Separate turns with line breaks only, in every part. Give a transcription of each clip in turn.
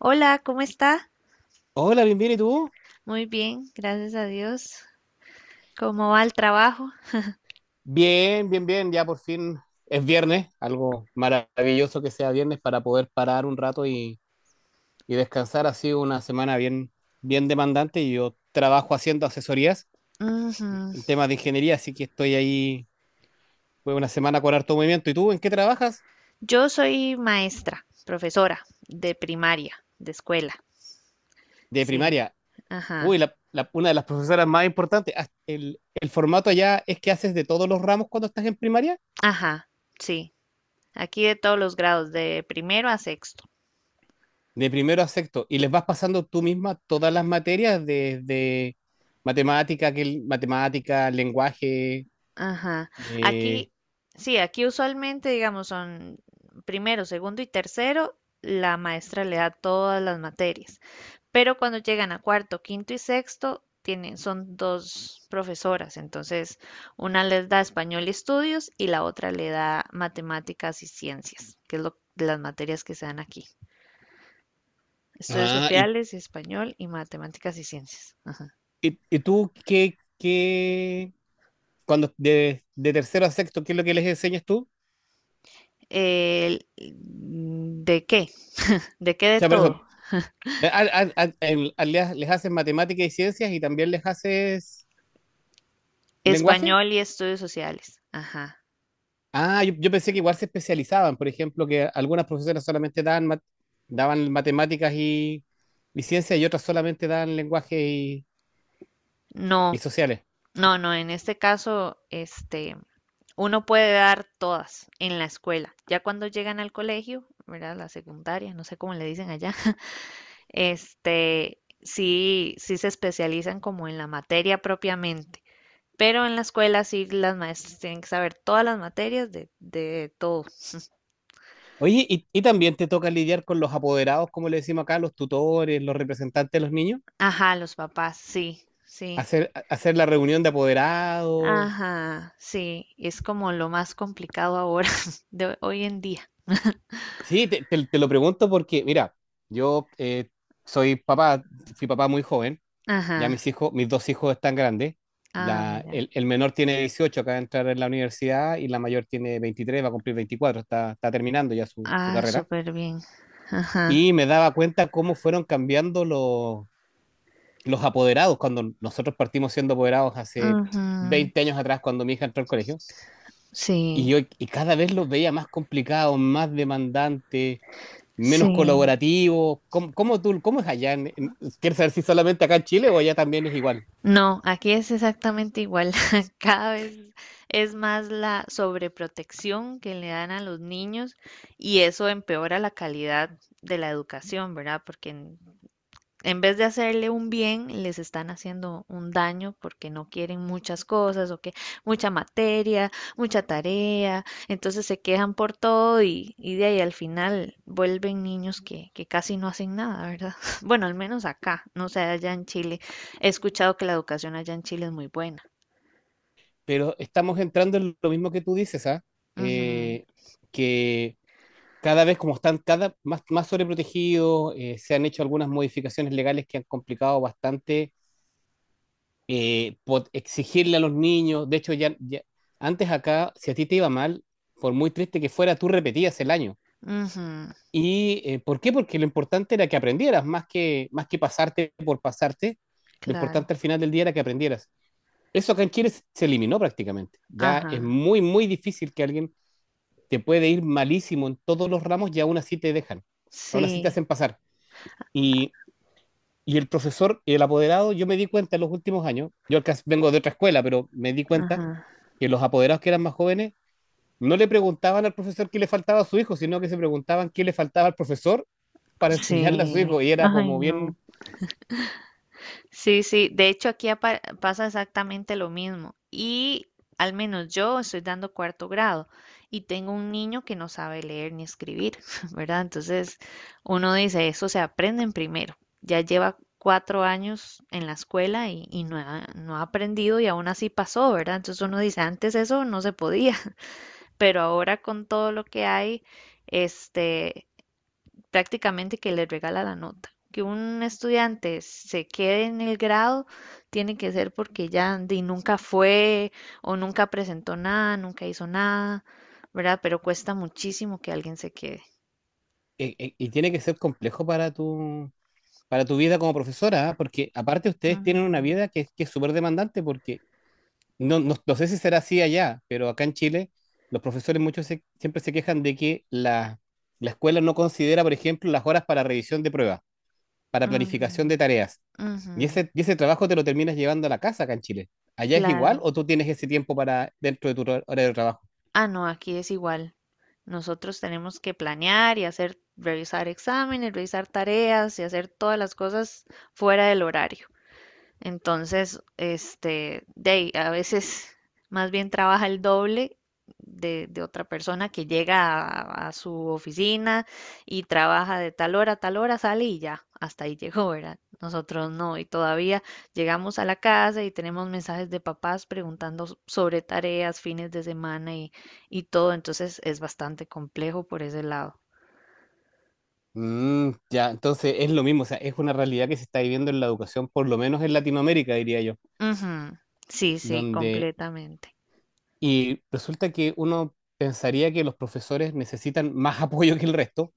Hola, ¿cómo está?
Hola, bien, bien, ¿y tú?
Muy bien, gracias a Dios. ¿Cómo va el trabajo?
Bien, bien, bien, ya por fin es viernes, algo maravilloso que sea viernes para poder parar un rato y descansar. Ha sido una semana bien, bien demandante y yo trabajo haciendo asesorías
Ujú.
en temas de ingeniería, así que estoy ahí, fue una semana con harto movimiento. ¿Y tú en qué trabajas?
Yo soy maestra, profesora de primaria, de escuela.
De
Sí.
primaria.
Ajá.
Uy, una de las profesoras más importantes. Ah, el formato allá es que haces de todos los ramos cuando estás en primaria.
Ajá. Sí. Aquí de todos los grados, de primero a sexto.
De primero a sexto. Y les vas pasando tú misma todas las materias desde matemática, lenguaje.
Ajá.
eh,
Aquí, sí, aquí usualmente, digamos, son primero, segundo y tercero, la maestra le da todas las materias. Pero cuando llegan a cuarto, quinto y sexto, tienen, son dos profesoras, entonces una les da español y estudios y la otra le da matemáticas y ciencias, que es lo, de las materias que se dan aquí. Estudios
ah, y,
sociales, español y matemáticas y ciencias. Ajá.
y- y tú qué, cuando de tercero a sexto, ¿qué es lo que les enseñas tú?
¿De qué? ¿De qué
O
de
sea, por eso,
todo?
les haces matemática y ciencias y también les haces lenguaje.
Español y estudios sociales. Ajá.
Ah, yo pensé que igual se especializaban, por ejemplo, que algunas profesoras solamente daban, daban matemáticas y ciencias y otras solamente daban lenguaje y
No,
sociales.
No, no, en este caso, este, uno puede dar todas en la escuela. Ya cuando llegan al colegio, ¿verdad? La secundaria, no sé cómo le dicen allá, este, sí se especializan como en la materia propiamente. Pero en la escuela sí las maestras tienen que saber todas las materias de todo.
¿Oye, y también te toca lidiar con los apoderados, como le decimos acá, los tutores, los representantes de los niños?
Ajá, los papás, sí, sí.
¿Hacer la reunión de apoderados?
Ajá, sí, es como lo más complicado ahora, de hoy en día.
Sí, te lo pregunto porque, mira, yo soy papá, fui papá muy joven. Ya
Ajá,
mis dos hijos están grandes.
ah,
La,
mira.
el, el menor tiene 18, acaba de entrar en la universidad y la mayor tiene 23, va a cumplir 24. Está terminando ya su
Ah,
carrera.
súper bien. Ajá.
Y me daba cuenta cómo fueron cambiando los apoderados cuando nosotros partimos siendo apoderados hace
Ujú.
20 años atrás, cuando mi hija entró al colegio. Y
Sí,
yo y cada vez los veía más complicados, más demandantes, menos
sí.
colaborativos. ¿Cómo es allá? ¿Quieres saber si solamente acá en Chile o allá también es igual?
No, aquí es exactamente igual. Cada vez es más la sobreprotección que le dan a los niños y eso empeora la calidad de la educación, ¿verdad? Porque en vez de hacerle un bien, les están haciendo un daño porque no quieren muchas cosas o que mucha materia, mucha tarea, entonces se quejan por todo y de ahí al final vuelven niños que casi no hacen nada, ¿verdad? Bueno, al menos acá, no sé, allá en Chile. He escuchado que la educación allá en Chile es muy buena.
Pero estamos entrando en lo mismo que tú dices, ¿ah?
Ujú,
Eh, que cada vez como están cada más sobreprotegidos, se han hecho algunas modificaciones legales que han complicado bastante exigirle a los niños. De hecho, antes acá, si a ti te iba mal, por muy triste que fuera, tú repetías el año.
ujú,
¿Y por qué? Porque lo importante era que aprendieras, más que pasarte por pasarte, lo
claro.
importante al final del día era que aprendieras. Eso acá en Chile eliminó prácticamente. Ya es
Ajá.
muy, muy difícil que alguien te puede ir malísimo en todos los ramos y aún así te dejan, aún así te
Sí,
hacen pasar. Y, y el profesor, el apoderado, yo me di cuenta en los últimos años, yo acá vengo de otra escuela, pero me di cuenta
ajá.
que los apoderados que eran más jóvenes no le preguntaban al profesor qué le faltaba a su hijo, sino que se preguntaban qué le faltaba al profesor para enseñarle a su
Sí.
hijo. Y era
Ay,
como
no.
bien.
Sí, sí, de hecho aquí pasa exactamente lo mismo y al menos yo estoy dando cuarto grado y tengo un niño que no sabe leer ni escribir, ¿verdad? Entonces uno dice, eso se aprende en primero, ya lleva cuatro años en la escuela y no ha aprendido y aún así pasó, ¿verdad? Entonces uno dice, antes eso no se podía, pero ahora con todo lo que hay, este, prácticamente que le regala la nota. Que un estudiante se quede en el grado tiene que ser porque ya di, nunca fue o nunca presentó nada, nunca hizo nada, ¿verdad? Pero cuesta muchísimo que alguien se quede.
Y tiene que ser complejo para tu vida como profesora, ¿ah? Porque aparte ustedes tienen una
Ujú,
vida que es súper demandante, porque no, no, no sé si será así allá, pero acá en Chile los profesores muchos siempre se quejan de que la escuela no considera, por ejemplo, las horas para revisión de pruebas, para planificación de
ujú,
tareas.
ujú,
Y ese trabajo te lo terminas llevando a la casa acá en Chile. ¿Allá es
claro.
igual o tú tienes ese tiempo para dentro de tu hora de trabajo?
Ah, no, aquí es igual. Nosotros tenemos que planear y hacer, revisar exámenes, revisar tareas y hacer todas las cosas fuera del horario. Entonces, este, de ahí, a veces más bien trabaja el doble de otra persona que llega a su oficina y trabaja de tal hora a tal hora, sale y ya, hasta ahí llegó, ¿verdad? Nosotros no, y todavía llegamos a la casa y tenemos mensajes de papás preguntando sobre tareas, fines de semana y todo, entonces es bastante complejo por ese lado.
Ya, entonces es lo mismo, o sea, es una realidad que se está viviendo en la educación, por lo menos en Latinoamérica, diría yo,
Ujú, sí, sí,
donde.
completamente.
Y resulta que uno pensaría que los profesores necesitan más apoyo que el resto,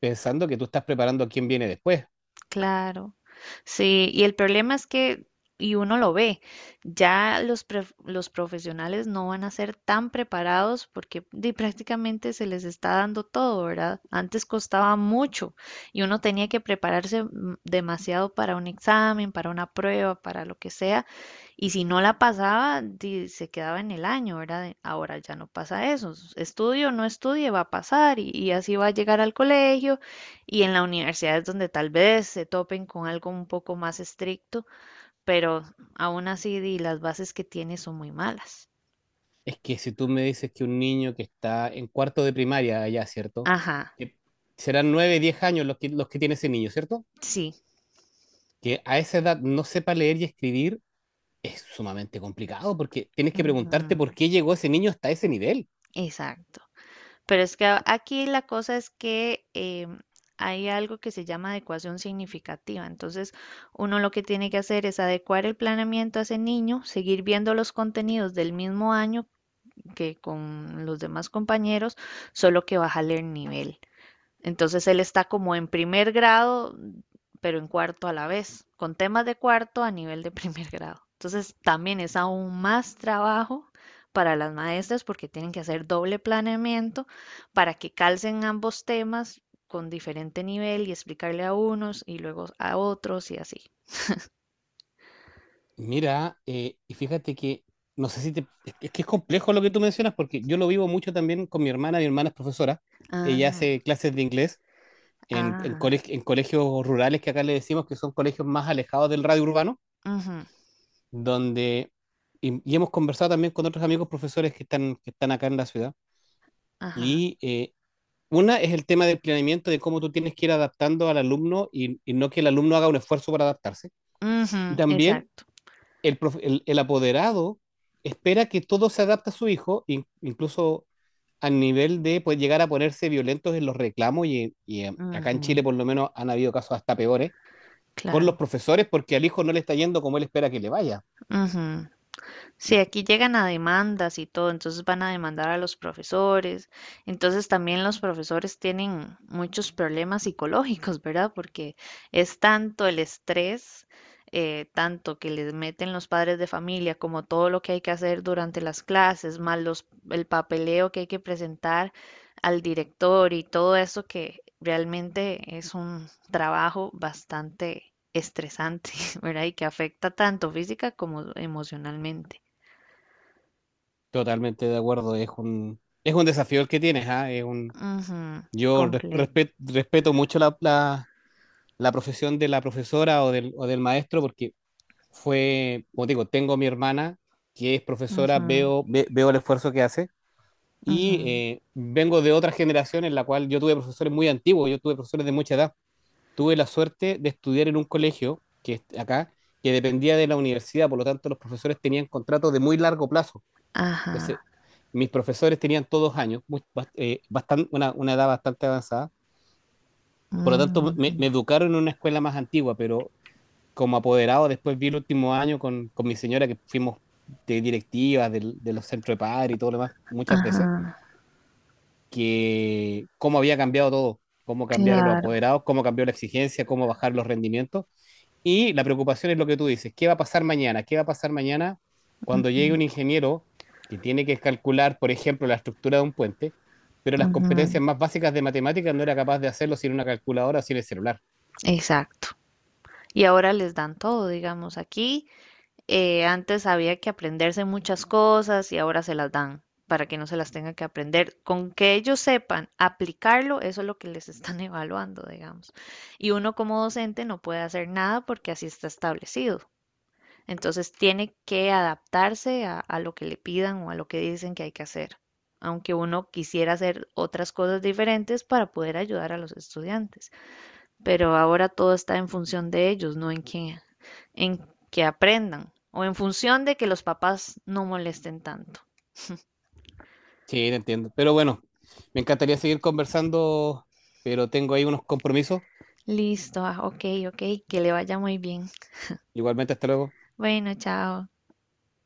pensando que tú estás preparando a quien viene después.
Claro, sí, y el problema es que, y uno lo ve, ya los, los profesionales no van a ser tan preparados porque di, prácticamente se les está dando todo, ¿verdad? Antes costaba mucho y uno tenía que prepararse demasiado para un examen, para una prueba, para lo que sea, y si no la pasaba, di, se quedaba en el año, ¿verdad? Ahora ya no pasa eso, estudio o no estudie, va a pasar y así va a llegar al colegio y en la universidad es donde tal vez se topen con algo un poco más estricto, pero aún así di, las bases que tiene son muy malas.
Es que si tú me dices que un niño que está en cuarto de primaria allá, ¿cierto?
Ajá,
Que serán 9, 10 años los que tiene ese niño, ¿cierto?
sí,
Que a esa edad no sepa leer y escribir es sumamente complicado porque tienes que
ujú,
preguntarte por qué llegó ese niño hasta ese nivel.
exacto. Pero es que aquí la cosa es que hay algo que se llama adecuación significativa. Entonces, uno lo que tiene que hacer es adecuar el planeamiento a ese niño, seguir viendo los contenidos del mismo año que con los demás compañeros, solo que bajarle el nivel. Entonces él está como en primer grado, pero en cuarto a la vez, con temas de cuarto a nivel de primer grado. Entonces también es aún más trabajo para las maestras porque tienen que hacer doble planeamiento para que calcen ambos temas con diferente nivel y explicarle a unos y luego a otros y así.
Mira, y fíjate que no sé si te. Es que es complejo lo que tú mencionas porque yo lo vivo mucho también con mi hermana. Mi hermana es profesora. Ella
Ah,
hace clases de inglés en, en,
ajá,
coleg- en colegios rurales que acá le decimos que son colegios más alejados del radio urbano,
ujú,
donde. Y hemos conversado también con otros amigos profesores que están acá en la ciudad.
ajá,
Y eh, una es el tema del planeamiento, de cómo tú tienes que ir adaptando al alumno y no que el alumno haga un esfuerzo para adaptarse.
ujú,
Y también
exacto,
el apoderado espera que todo se adapte a su hijo, incluso al nivel de pues, llegar a ponerse violentos en los reclamos, y, acá en
ujú,
Chile por lo menos han habido casos hasta peores, con los
claro,
profesores porque al hijo no le está yendo como él espera que le vaya.
ujú, sí, aquí llegan a demandas y todo, entonces van a demandar a los profesores. Entonces también los profesores tienen muchos problemas psicológicos, ¿verdad? Porque es tanto el estrés, tanto que les meten los padres de familia, como todo lo que hay que hacer durante las clases, más los, el papeleo que hay que presentar al director y todo eso que realmente es un trabajo bastante estresante, ¿verdad? Y que afecta tanto física como emocionalmente.
Totalmente de acuerdo, es un desafío el que tienes, ¿ah? Es un,
Ujú,
yo res-
completo.
respet- respeto mucho la profesión de la profesora o del maestro porque fue, como te digo, tengo mi hermana que es profesora,
Ujú,
veo el esfuerzo que hace y
ujú,
vengo de otra generación en la cual yo tuve profesores muy antiguos, yo tuve profesores de mucha edad. Tuve la suerte de estudiar en un colegio que es acá, que dependía de la universidad, por lo tanto los profesores tenían contratos de muy largo plazo. Entonces,
ajá,
mis profesores tenían todos años, muy, bast- bastan- una edad bastante avanzada. Por lo tanto, me,
ujú,
me educaron en una escuela más antigua, pero como apoderado, después vi el último año con mi señora que fuimos de directivas de los centros de par y todo lo demás muchas veces.
ajá,
Que cómo había cambiado todo, cómo cambiaron los
claro,
apoderados, cómo cambió la exigencia, cómo bajar los rendimientos. Y la preocupación es lo que tú dices, ¿qué va a pasar mañana? ¿Qué va a pasar mañana cuando llegue un ingeniero que tiene que calcular, por ejemplo, la estructura de un puente, pero las
ujú,
competencias más básicas de matemáticas no era capaz de hacerlo sin una calculadora o sin el celular?
exacto. Y ahora les dan todo, digamos, aquí. Antes había que aprenderse muchas cosas y ahora se las dan para que no se las tengan que aprender. Con que ellos sepan aplicarlo, eso es lo que les están evaluando, digamos. Y uno como docente no puede hacer nada porque así está establecido. Entonces tiene que adaptarse a lo que le pidan o a lo que dicen que hay que hacer, aunque uno quisiera hacer otras cosas diferentes para poder ayudar a los estudiantes. Pero ahora todo está en función de ellos, no en que, en que aprendan o en función de que los papás no molesten tanto.
Sí, te entiendo. Pero bueno, me encantaría seguir conversando, pero tengo ahí unos compromisos.
Listo, ah, ok, ok, que le vaya muy bien.
Igualmente, hasta luego.
Bueno, chao.